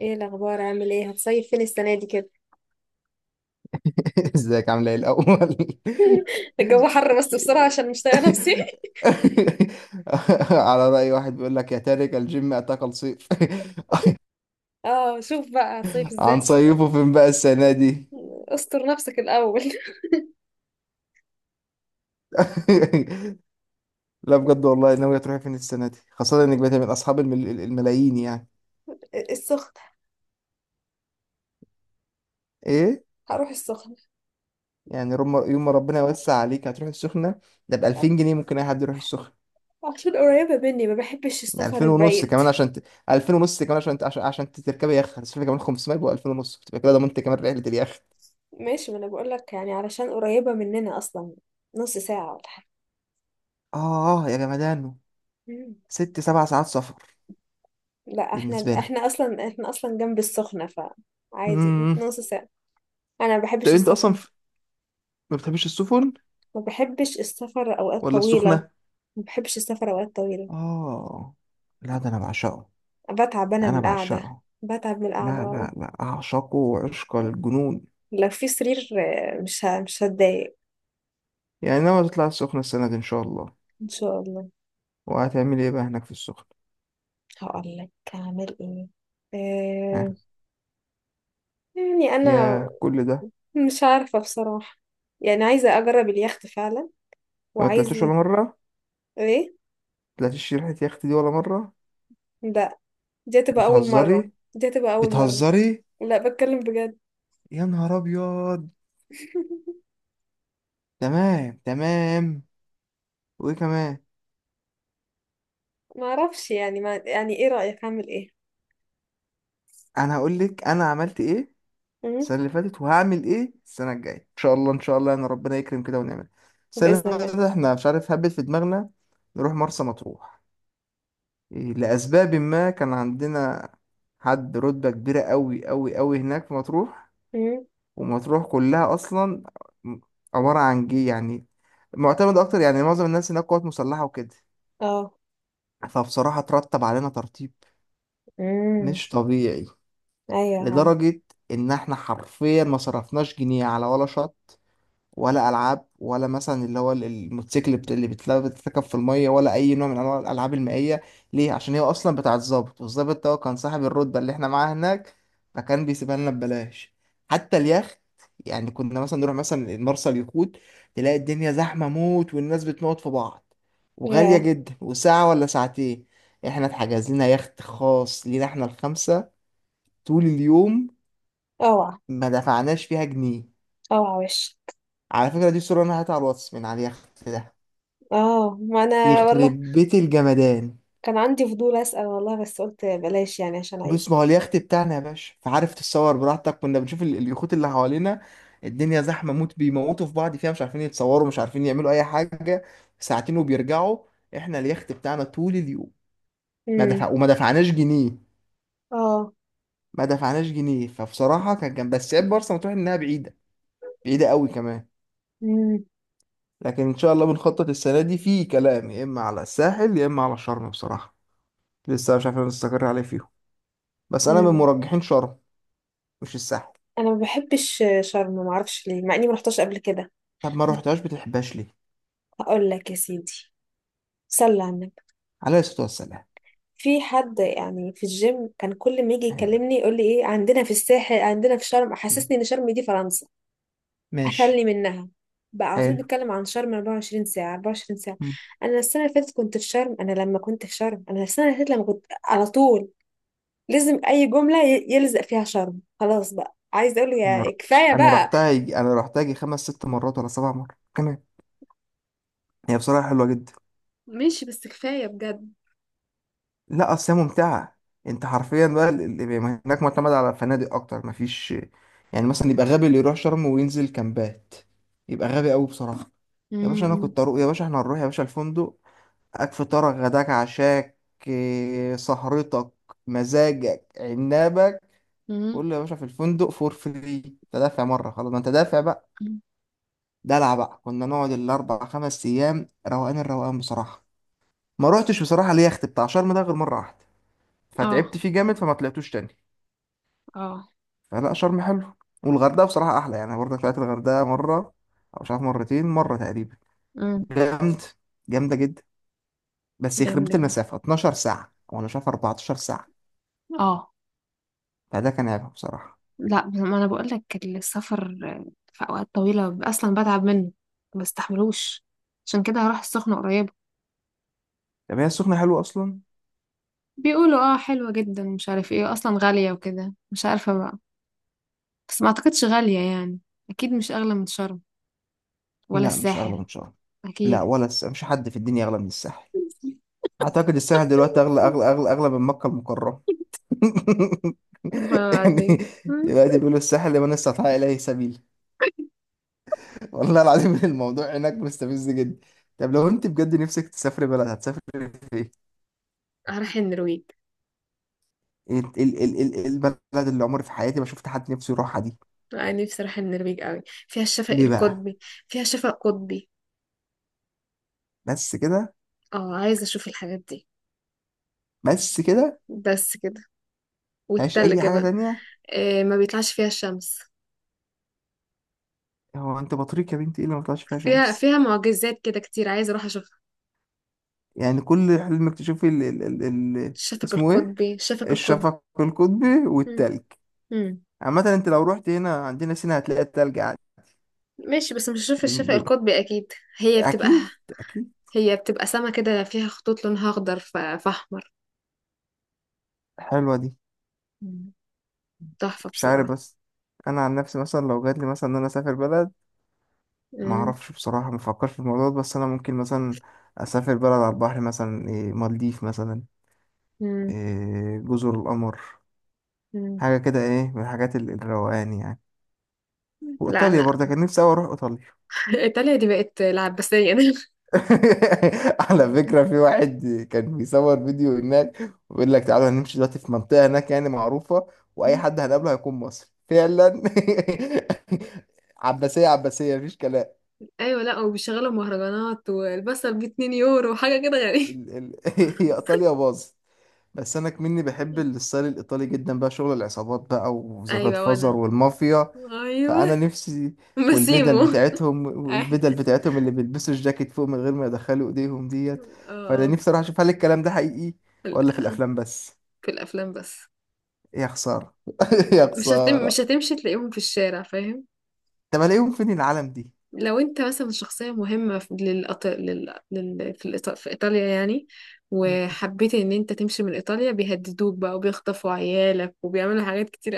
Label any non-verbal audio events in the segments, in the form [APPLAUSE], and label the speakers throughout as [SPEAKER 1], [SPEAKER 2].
[SPEAKER 1] ايه الاخبار، عامل ايه؟ هتصيف فين السنه دي كده؟
[SPEAKER 2] [LAUGHS] ازيك عامله ايه الاول؟
[SPEAKER 1] [LAUGHS] الجو حر بس بسرعه عشان مش طايقه نفسي. [LAUGHS]
[SPEAKER 2] [LAUGHS] على رأي واحد بيقول لك: يا تارك الجيم اتاك الصيف.
[SPEAKER 1] اه، شوف بقى هتصيف
[SPEAKER 2] [LAUGHS]
[SPEAKER 1] ازاي.
[SPEAKER 2] هنصيفه فين بقى السنه دي؟
[SPEAKER 1] استر نفسك الاول. [LAUGHS]
[SPEAKER 2] [LAUGHS] لا بجد والله، ناويه تروحي فين السنه دي، خاصه انك بقيتي من اصحاب الملايين يعني؟
[SPEAKER 1] السخن.
[SPEAKER 2] ايه؟
[SPEAKER 1] هروح السخن.
[SPEAKER 2] يعني يوم ما ربنا يوسع عليك هتروحي السخنه. ده ب
[SPEAKER 1] آه،
[SPEAKER 2] 2000 جنيه ممكن اي حد يروح السخنه.
[SPEAKER 1] عشان قريبه مني ما بحبش السفر
[SPEAKER 2] 2000 ونص
[SPEAKER 1] البعيد.
[SPEAKER 2] كمان عشان 2000 ونص كمان عشان تركبي يخت هتصرفي كمان 500، يبقى 2000 ونص، بتبقى كده ضمنت كمان رحله اليخت.
[SPEAKER 1] ماشي، ما انا بقول لك يعني علشان قريبه مننا اصلا. نص ساعه ولا حاجه.
[SPEAKER 2] آه يا جمدانه،
[SPEAKER 1] مم.
[SPEAKER 2] ست سبع ساعات سفر
[SPEAKER 1] لا، احنا
[SPEAKER 2] بالنسبة لي.
[SPEAKER 1] احنا اصلا احنا اصلا جنب السخنه. فعادي
[SPEAKER 2] امم،
[SPEAKER 1] نص ساعه. انا ما
[SPEAKER 2] طب
[SPEAKER 1] بحبش
[SPEAKER 2] أنت أصلا
[SPEAKER 1] السفر.
[SPEAKER 2] ما بتحبش السفن
[SPEAKER 1] ما بحبش السفر اوقات
[SPEAKER 2] ولا
[SPEAKER 1] طويله.
[SPEAKER 2] السخنة؟
[SPEAKER 1] ما بحبش السفر اوقات طويله.
[SPEAKER 2] آه، لا ده أنا بعشقه.
[SPEAKER 1] بتعب انا من
[SPEAKER 2] أنا
[SPEAKER 1] القعده.
[SPEAKER 2] بعشقه.
[SPEAKER 1] بتعب من
[SPEAKER 2] لا
[SPEAKER 1] القعده.
[SPEAKER 2] لا لا أعشقه عشق الجنون.
[SPEAKER 1] لو في سرير. آه، مش هتضايق.
[SPEAKER 2] يعني ناوي تطلع السخنة السنة دي إن شاء الله؟
[SPEAKER 1] ان شاء الله.
[SPEAKER 2] وهتعمل إيه بقى هناك في السخنة؟
[SPEAKER 1] هقول لك هعمل ايه. آه،
[SPEAKER 2] ها؟
[SPEAKER 1] يعني انا
[SPEAKER 2] يا كل ده!
[SPEAKER 1] مش عارفه بصراحه. يعني عايزه اجرب اليخت فعلا.
[SPEAKER 2] ما طلعتوش
[SPEAKER 1] وعايزه.
[SPEAKER 2] ولا مرة؟
[SPEAKER 1] ايه.
[SPEAKER 2] طلعتيش ريحة يخت دي ولا مرة؟
[SPEAKER 1] لا، دي هتبقى اول
[SPEAKER 2] بتهزري؟
[SPEAKER 1] مره. دي هتبقى اول مره.
[SPEAKER 2] بتهزري؟
[SPEAKER 1] لا، بتكلم بجد.
[SPEAKER 2] يا نهار أبيض!
[SPEAKER 1] [LAUGHS]
[SPEAKER 2] تمام تمام. وإيه كمان؟
[SPEAKER 1] ما اعرفش يعني، ما يعني ايه رايك اعمل ايه؟
[SPEAKER 2] انا هقول لك انا عملت ايه
[SPEAKER 1] مم؟
[SPEAKER 2] السنه اللي فاتت، وهعمل ايه السنه الجايه ان شاء الله. ان شاء الله انا ربنا يكرم كده ونعمل. السنه اللي
[SPEAKER 1] باذن
[SPEAKER 2] فاتت
[SPEAKER 1] الله.
[SPEAKER 2] احنا مش عارف هبت في دماغنا، نروح مرسى مطروح. إيه، لاسباب ما كان عندنا حد رتبه كبيره قوي قوي قوي هناك في مطروح.
[SPEAKER 1] مم؟
[SPEAKER 2] ومطروح كلها اصلا م- عباره عن جي يعني، معتمد اكتر، يعني معظم الناس هناك قوات مسلحه وكده.
[SPEAKER 1] اه.
[SPEAKER 2] فبصراحه ترتب علينا ترتيب
[SPEAKER 1] امم
[SPEAKER 2] مش طبيعي،
[SPEAKER 1] ايوه يا عم.
[SPEAKER 2] لدرجه ان احنا حرفيا ما صرفناش جنيه على ولا شط ولا العاب، ولا مثلا اللي هو الموتوسيكل اللي بتتركب في الميه، ولا اي نوع من انواع الالعاب المائيه. ليه؟ عشان هي اصلا بتاعه الضابط، والضابط ده هو كان صاحب الرتبه اللي احنا معاها هناك، فكان بيسيبها لنا ببلاش. حتى اليخت، يعني كنا مثلا نروح مثلا مرسى اليخوت، تلاقي الدنيا زحمه موت والناس بتموت في بعض وغاليه
[SPEAKER 1] يا،
[SPEAKER 2] جدا، وساعه ولا ساعتين. احنا اتحجز لنا يخت خاص لينا احنا الخمسه طول اليوم،
[SPEAKER 1] اوعى.
[SPEAKER 2] ما دفعناش فيها جنيه.
[SPEAKER 1] اوعى وش.
[SPEAKER 2] على فكره دي صوره انا هاتها على الواتس من على اليخت ده.
[SPEAKER 1] اه، ما انا والله
[SPEAKER 2] يخرب بيت الجمدان!
[SPEAKER 1] كان عندي فضول اسأل والله بس قلت بلاش يعني عشان عيب.
[SPEAKER 2] بص، ما هو اليخت بتاعنا يا باشا فعارف تتصور براحتك. كنا بنشوف اليخوت اللي حوالينا، الدنيا زحمة موت بيموتوا في بعض فيها، مش عارفين يتصوروا، مش عارفين يعملوا أي حاجة، ساعتين وبيرجعوا. احنا اليخت بتاعنا طول اليوم ما
[SPEAKER 1] امم
[SPEAKER 2] دفع وما دفعناش جنيه.
[SPEAKER 1] اه.
[SPEAKER 2] ما دفعناش جنيه. فبصراحة كان جنب، بس عيب مرسى مطروح إنها بعيدة، بعيدة قوي كمان.
[SPEAKER 1] امم
[SPEAKER 2] لكن إن شاء الله بنخطط السنة دي في كلام يا إما على الساحل يا إما على شرم بصراحة، لسه مش عارفين نستقر عليه فيهم، بس أنا من
[SPEAKER 1] امم
[SPEAKER 2] مرجحين شرم مش الساحل.
[SPEAKER 1] انا ما بحبش شرم، ما اعرفش ليه مع اني ما رحتش قبل كده.
[SPEAKER 2] طب ما روحتهاش بتحبهاش ليه؟
[SPEAKER 1] هقول لك يا سيدي. صلي على النبي.
[SPEAKER 2] عليه الصلاة والسلام.
[SPEAKER 1] في حد يعني في الجيم كان كل ما يجي
[SPEAKER 2] حلو.
[SPEAKER 1] يكلمني يقول لي ايه عندنا في الساحل، عندنا في شرم.
[SPEAKER 2] مم.
[SPEAKER 1] حسسني ان شرم دي فرنسا.
[SPEAKER 2] ماشي.
[SPEAKER 1] اخلي منها. بقى على طول
[SPEAKER 2] حلو.
[SPEAKER 1] بيتكلم عن شرم 24 ساعة 24 ساعة.
[SPEAKER 2] مم.
[SPEAKER 1] أنا السنة اللي فاتت كنت في شرم، أنا لما كنت في شرم، أنا السنة اللي فاتت لما كنت على طول لازم اي جمله يلزق فيها شرم. خلاص بقى، عايز اقول له
[SPEAKER 2] انا
[SPEAKER 1] يا
[SPEAKER 2] ر-
[SPEAKER 1] كفايه
[SPEAKER 2] أنا
[SPEAKER 1] بقى.
[SPEAKER 2] رحتها يجي... انا رحتها يجي خمس ست مرات ولا سبع مرات كمان. هي بصراحة حلوة جدا.
[SPEAKER 1] ماشي بس كفاية بجد.
[SPEAKER 2] لا اصل هي ممتعة. انت حرفيا بقى هناك معتمد على فنادق اكتر، مفيش. يعني مثلا يبقى غبي اللي يروح شرم وينزل كامبات، يبقى غبي قوي بصراحة. يا باشا انا
[SPEAKER 1] امم
[SPEAKER 2] كنت اروح، يا باشا احنا هنروح، يا باشا الفندق اك، فطارك غداك عشاك، إيه، سهرتك، مزاجك عنابك.
[SPEAKER 1] امم
[SPEAKER 2] قول له: يا باشا في الفندق فور فري، تدافع مرة خلاص، ما انت دافع بقى. دلع بقى، كنا نقعد الأربع خمس أيام روقان الروقان بصراحة. ما روحتش بصراحة اليخت بتاع شرم ده غير مرة واحدة،
[SPEAKER 1] اه.
[SPEAKER 2] فتعبت فيه جامد فما طلعتوش تاني.
[SPEAKER 1] اه.
[SPEAKER 2] فلا شرم حلو، والغردقة بصراحة أحلى. يعني أنا برضك طلعت الغردقة مرة أو مش عارف مرتين، مرة تقريبا.
[SPEAKER 1] امم
[SPEAKER 2] جامد، جامدة جدا. بس يخرب
[SPEAKER 1] جامد
[SPEAKER 2] بيت
[SPEAKER 1] جدا.
[SPEAKER 2] المسافة، 12 ساعة وأنا شايف 14 ساعة،
[SPEAKER 1] اه.
[SPEAKER 2] فده كان عيبها بصراحة.
[SPEAKER 1] لا، ما انا بقول لك السفر في اوقات طويله اصلا بتعب منه. ما بستحملوش. عشان كده هروح السخنه قريب.
[SPEAKER 2] طب هي السخنة حلوة أصلا؟
[SPEAKER 1] بيقولوا اه حلوه جدا، مش عارف ايه، اصلا غاليه وكده، مش عارفه بقى. بس ما اعتقدش غاليه يعني. اكيد مش اغلى من شرم، ولا
[SPEAKER 2] لا مش أغلى
[SPEAKER 1] الساحل.
[SPEAKER 2] من شرم. لا
[SPEAKER 1] اكيد.
[SPEAKER 2] ولا مش حد في الدنيا أغلى من الساحل. اعتقد الساحل دلوقتي اغلى من مكة المكرمة. [LAUGHS]
[SPEAKER 1] والله
[SPEAKER 2] يعني
[SPEAKER 1] العظيم. مم.
[SPEAKER 2] دلوقتي بيقولوا الساحل لمن استطاع اليه سبيل. والله العظيم [LAUGHS] الموضوع هناك مستفز جدا. طب لو انت بجد نفسك تسافري بلد هتسافري فين؟
[SPEAKER 1] هروح النرويج.
[SPEAKER 2] البلد
[SPEAKER 1] مم.
[SPEAKER 2] اللي عمري في حياتي ما شفت حد نفسه يروحها دي.
[SPEAKER 1] أنا نفسي أروح النرويج أوي. فيها الشفق
[SPEAKER 2] ليه بقى؟
[SPEAKER 1] القطبي. فيها شفق قطبي.
[SPEAKER 2] بس كده؟
[SPEAKER 1] اه، عايزة أشوف الحاجات دي.
[SPEAKER 2] بس كده؟
[SPEAKER 1] بس كده.
[SPEAKER 2] مفيهاش اي
[SPEAKER 1] والتلج
[SPEAKER 2] حاجة
[SPEAKER 1] بقى.
[SPEAKER 2] تانية؟
[SPEAKER 1] إيه، ما بيطلعش فيها الشمس.
[SPEAKER 2] هو انت بطريق يا بنتي ايه اللي ما طلعش فيها
[SPEAKER 1] فيها
[SPEAKER 2] شمس؟
[SPEAKER 1] فيها معجزات كده كتير، عايزة أروح أشوفها.
[SPEAKER 2] يعني كل حلمك تشوفي ال-
[SPEAKER 1] الشفق
[SPEAKER 2] اسمه ايه،
[SPEAKER 1] القطبي، الشفق القطبي.
[SPEAKER 2] الشفق القطبي
[SPEAKER 1] مم.
[SPEAKER 2] والتلج؟
[SPEAKER 1] مم.
[SPEAKER 2] عامة انت لو رحت هنا عندنا سينا هتلاقي التلج عادي.
[SPEAKER 1] ماشي بس مش هشوف
[SPEAKER 2] بال-
[SPEAKER 1] الشفق
[SPEAKER 2] بال-
[SPEAKER 1] القطبي أكيد. هي بتبقى.
[SPEAKER 2] اكيد، اكيد.
[SPEAKER 1] هي بتبقى سما كده فيها خطوط لونها أخضر فأحمر.
[SPEAKER 2] حلوة دي.
[SPEAKER 1] مم. تحفة
[SPEAKER 2] مش عارف
[SPEAKER 1] بصراحة.
[SPEAKER 2] بس، انا عن نفسي مثلا لو جاتلي مثلا ان انا اسافر بلد، ما
[SPEAKER 1] مم.
[SPEAKER 2] اعرفش بصراحة، ما افكرش في الموضوع ده، بس انا ممكن مثلا اسافر بلد على البحر مثلا، إيه، مالديف مثلا،
[SPEAKER 1] مم.
[SPEAKER 2] إيه، جزر القمر،
[SPEAKER 1] مم.
[SPEAKER 2] حاجة كده ايه من الحاجات الروقان يعني.
[SPEAKER 1] لا،
[SPEAKER 2] وايطاليا
[SPEAKER 1] أنا
[SPEAKER 2] برضه كان نفسي اوي اروح ايطاليا.
[SPEAKER 1] ايطاليا دي بقت العباسية. [LAUGHS] ده
[SPEAKER 2] [LAUGHS] على فكرة في واحد كان بيصور فيديو هناك، ويقول لك: تعالوا هنمشي دلوقتي في منطقة هناك يعني معروفة، وأي حد هنقابله هيكون مصري فعلا. [LAUGHS] عباسية، عباسية، مفيش كلام.
[SPEAKER 1] ايوه، لا، وبيشغلوا مهرجانات والبصل ب 2 يورو، حاجة كده غريبة.
[SPEAKER 2] ال ال [LAUGHS] هي إيطاليا باظت. بس انا كمني بحب
[SPEAKER 1] [LAUGHS]
[SPEAKER 2] الستايل الايطالي جدا بقى، شغل العصابات بقى وذا جاد
[SPEAKER 1] ايوه
[SPEAKER 2] فازر
[SPEAKER 1] وانا.
[SPEAKER 2] والمافيا. فانا
[SPEAKER 1] ايوه.
[SPEAKER 2] نفسي، والبدل
[SPEAKER 1] بسيمو. [LAUGHS]
[SPEAKER 2] بتاعتهم،
[SPEAKER 1] اه.
[SPEAKER 2] والبدل بتاعتهم اللي بيلبسوا الجاكيت فوق من غير ما يدخلوا ايديهم ديت. فانا
[SPEAKER 1] آه.
[SPEAKER 2] نفسي اروح اشوف هل الكلام ده حقيقي
[SPEAKER 1] في
[SPEAKER 2] ولا في
[SPEAKER 1] ال-
[SPEAKER 2] الافلام بس.
[SPEAKER 1] في الافلام بس.
[SPEAKER 2] يا خساره. [LAUGHS] يا
[SPEAKER 1] مش
[SPEAKER 2] خساره.
[SPEAKER 1] هتمشي تلاقيهم في الشارع فاهم.
[SPEAKER 2] طب الاقيهم فين العالم دي؟
[SPEAKER 1] لو انت مثلا شخصيه مهمه في للأط... لل... لل... في, الإيط... في ايطاليا يعني،
[SPEAKER 2] مم.
[SPEAKER 1] وحبيت ان انت تمشي من ايطاليا بيهددوك بقى وبيخطفوا عيالك وبيعملوا حاجات كتير.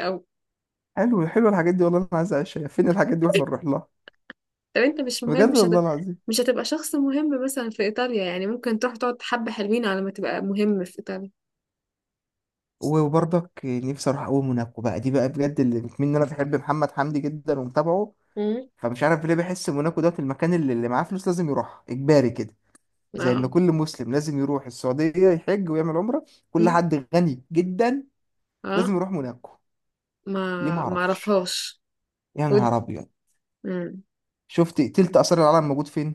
[SPEAKER 2] حلو، حلو الحاجات دي، والله انا عايز اعيشها. فين الحاجات دي واحنا نروح لها؟
[SPEAKER 1] طب انت مش مهم،
[SPEAKER 2] بجد والله العظيم.
[SPEAKER 1] مش هتبقى شخص مهم مثلا في ايطاليا، يعني ممكن تروح تقعد حبة حلوين على ما تبقى مهم في ايطاليا.
[SPEAKER 2] وبرضك نفسي اروح اقوم موناكو بقى، دي بقى بجد اللي بتمني، إن انا بحب محمد حمدي جدا ومتابعه،
[SPEAKER 1] مم.
[SPEAKER 2] فمش عارف ليه بحس موناكو دوت المكان اللي معاه فلوس لازم يروح اجباري كده. زي ان
[SPEAKER 1] اه.
[SPEAKER 2] كل مسلم لازم يروح السعوديه يحج ويعمل عمره، كل
[SPEAKER 1] مم.
[SPEAKER 2] حد غني جدا
[SPEAKER 1] اه.
[SPEAKER 2] لازم يروح موناكو.
[SPEAKER 1] ما
[SPEAKER 2] ليه؟ ما
[SPEAKER 1] ما
[SPEAKER 2] اعرفش.
[SPEAKER 1] اعرفهاش.
[SPEAKER 2] يا
[SPEAKER 1] ود
[SPEAKER 2] نهار ابيض.
[SPEAKER 1] مم.
[SPEAKER 2] شفت تلت اثار العالم موجود فين؟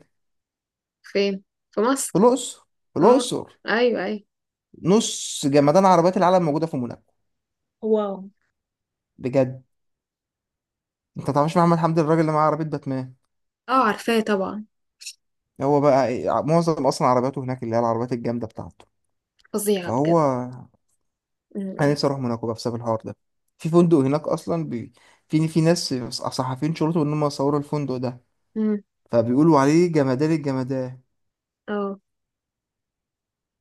[SPEAKER 1] فين. في
[SPEAKER 2] في
[SPEAKER 1] مصر.
[SPEAKER 2] الاقصر، في
[SPEAKER 1] اه.
[SPEAKER 2] الاقصر.
[SPEAKER 1] ايوه ايوه.
[SPEAKER 2] نص جمدان عربيات العالم موجوده في موناكو.
[SPEAKER 1] واو.
[SPEAKER 2] بجد، انت ما تعرفش محمد حمدي الراجل اللي معاه عربيه باتمان؟
[SPEAKER 1] اه، عارفاه طبعا.
[SPEAKER 2] هو بقى إيه، معظم اصلا عربياته هناك اللي هي العربيات الجامده بتاعته.
[SPEAKER 1] فظيعة
[SPEAKER 2] فهو،
[SPEAKER 1] بجد.
[SPEAKER 2] انا
[SPEAKER 1] مم.
[SPEAKER 2] نفسي اروح موناكو بقى بسبب الحوار ده. في فندق هناك اصلا في في ناس صحفيين شرطوا ان هم صوروا الفندق ده،
[SPEAKER 1] مم.
[SPEAKER 2] فبيقولوا عليه جمدان الجمدان.
[SPEAKER 1] اه.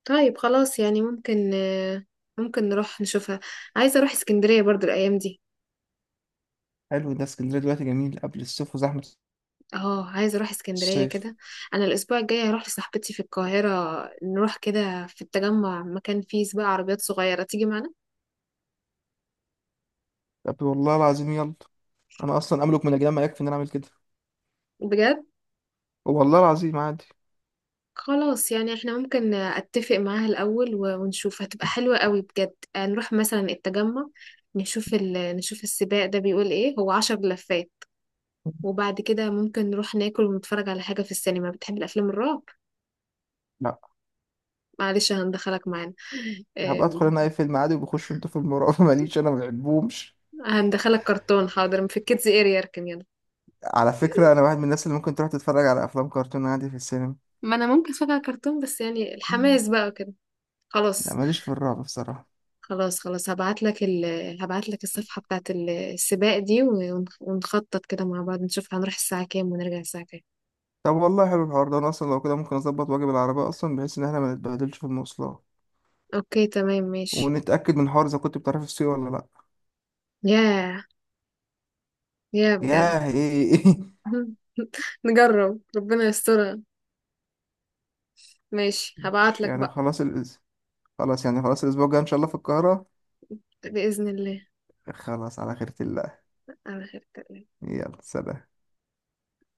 [SPEAKER 1] طيب خلاص، يعني ممكن آه، ممكن نروح نشوفها. عايزة اروح اسكندرية برضو الايام دي.
[SPEAKER 2] حلو ده، اسكندريه دلوقتي جميل قبل الصيف وزحمه
[SPEAKER 1] اه، عايزه اروح اسكندريه
[SPEAKER 2] الصيف.
[SPEAKER 1] كده. انا الاسبوع الجاي هروح لصاحبتي في القاهره. نروح كده في التجمع، مكان فيه سباق عربيات صغيره، تيجي معانا؟
[SPEAKER 2] طب والله العظيم يلا، انا اصلا املك من الجنان ما يكفي ان انا اعمل كده.
[SPEAKER 1] بجد؟
[SPEAKER 2] والله العظيم عادي.
[SPEAKER 1] خلاص، يعني احنا ممكن اتفق معاها الاول ونشوف هتبقى حلوه قوي بجد. آه، نروح مثلا التجمع، نشوف السباق ده بيقول ايه. هو 10 لفات. وبعد كده ممكن نروح ناكل ونتفرج على حاجه في السينما. بتحب الافلام الرعب؟
[SPEAKER 2] لا،
[SPEAKER 1] معلش، هندخلك معانا. [LAUGHS]
[SPEAKER 2] هبقى ادخل
[SPEAKER 1] آم،
[SPEAKER 2] انا اي فيلم عادي وبخش انتوا في المراقبه [LAUGHS] ماليش انا ما بحبهمش.
[SPEAKER 1] هندخلك كرتون. حاضر، في الكيدز اريا اركن يلا.
[SPEAKER 2] على فكره انا واحد من الناس اللي ممكن تروح تتفرج على افلام كرتون عادي في السينما.
[SPEAKER 1] ما انا ممكن فجأة كرتون بس يعني الحماس بقى كده.
[SPEAKER 2] لا
[SPEAKER 1] خلاص.
[SPEAKER 2] ماليش في الرعب بصراحه.
[SPEAKER 1] خلاص خلاص. هبعت لك هبعت لك الصفحة بتاعت السباق دي ونخطط كده مع بعض نشوف هنروح الساعة كام ونرجع الساعة كام.
[SPEAKER 2] طب والله حلو الحوار ده، انا اصلا لو كده ممكن اظبط واجيب العربيه اصلا بحيث ان احنا ما نتبهدلش في المواصلات،
[SPEAKER 1] اوكي تمام ماشي.
[SPEAKER 2] ونتاكد من حوار اذا كنت بتعرف السوق ولا لا.
[SPEAKER 1] ياه. ياه بجد.
[SPEAKER 2] ياه ايه؟ [LAUGHS]
[SPEAKER 1] [LAUGHS] نجرب ربنا يسترها. ماشي، هبعت
[SPEAKER 2] مش-
[SPEAKER 1] لك
[SPEAKER 2] يعني
[SPEAKER 1] بقى.
[SPEAKER 2] خلاص الأس... خلاص يعني، خلاص الاسبوع الجاي ان شاء الله في القاهره.
[SPEAKER 1] بإذن الله.
[SPEAKER 2] خلاص على خيرة الله.
[SPEAKER 1] على خير.
[SPEAKER 2] يلا سلام.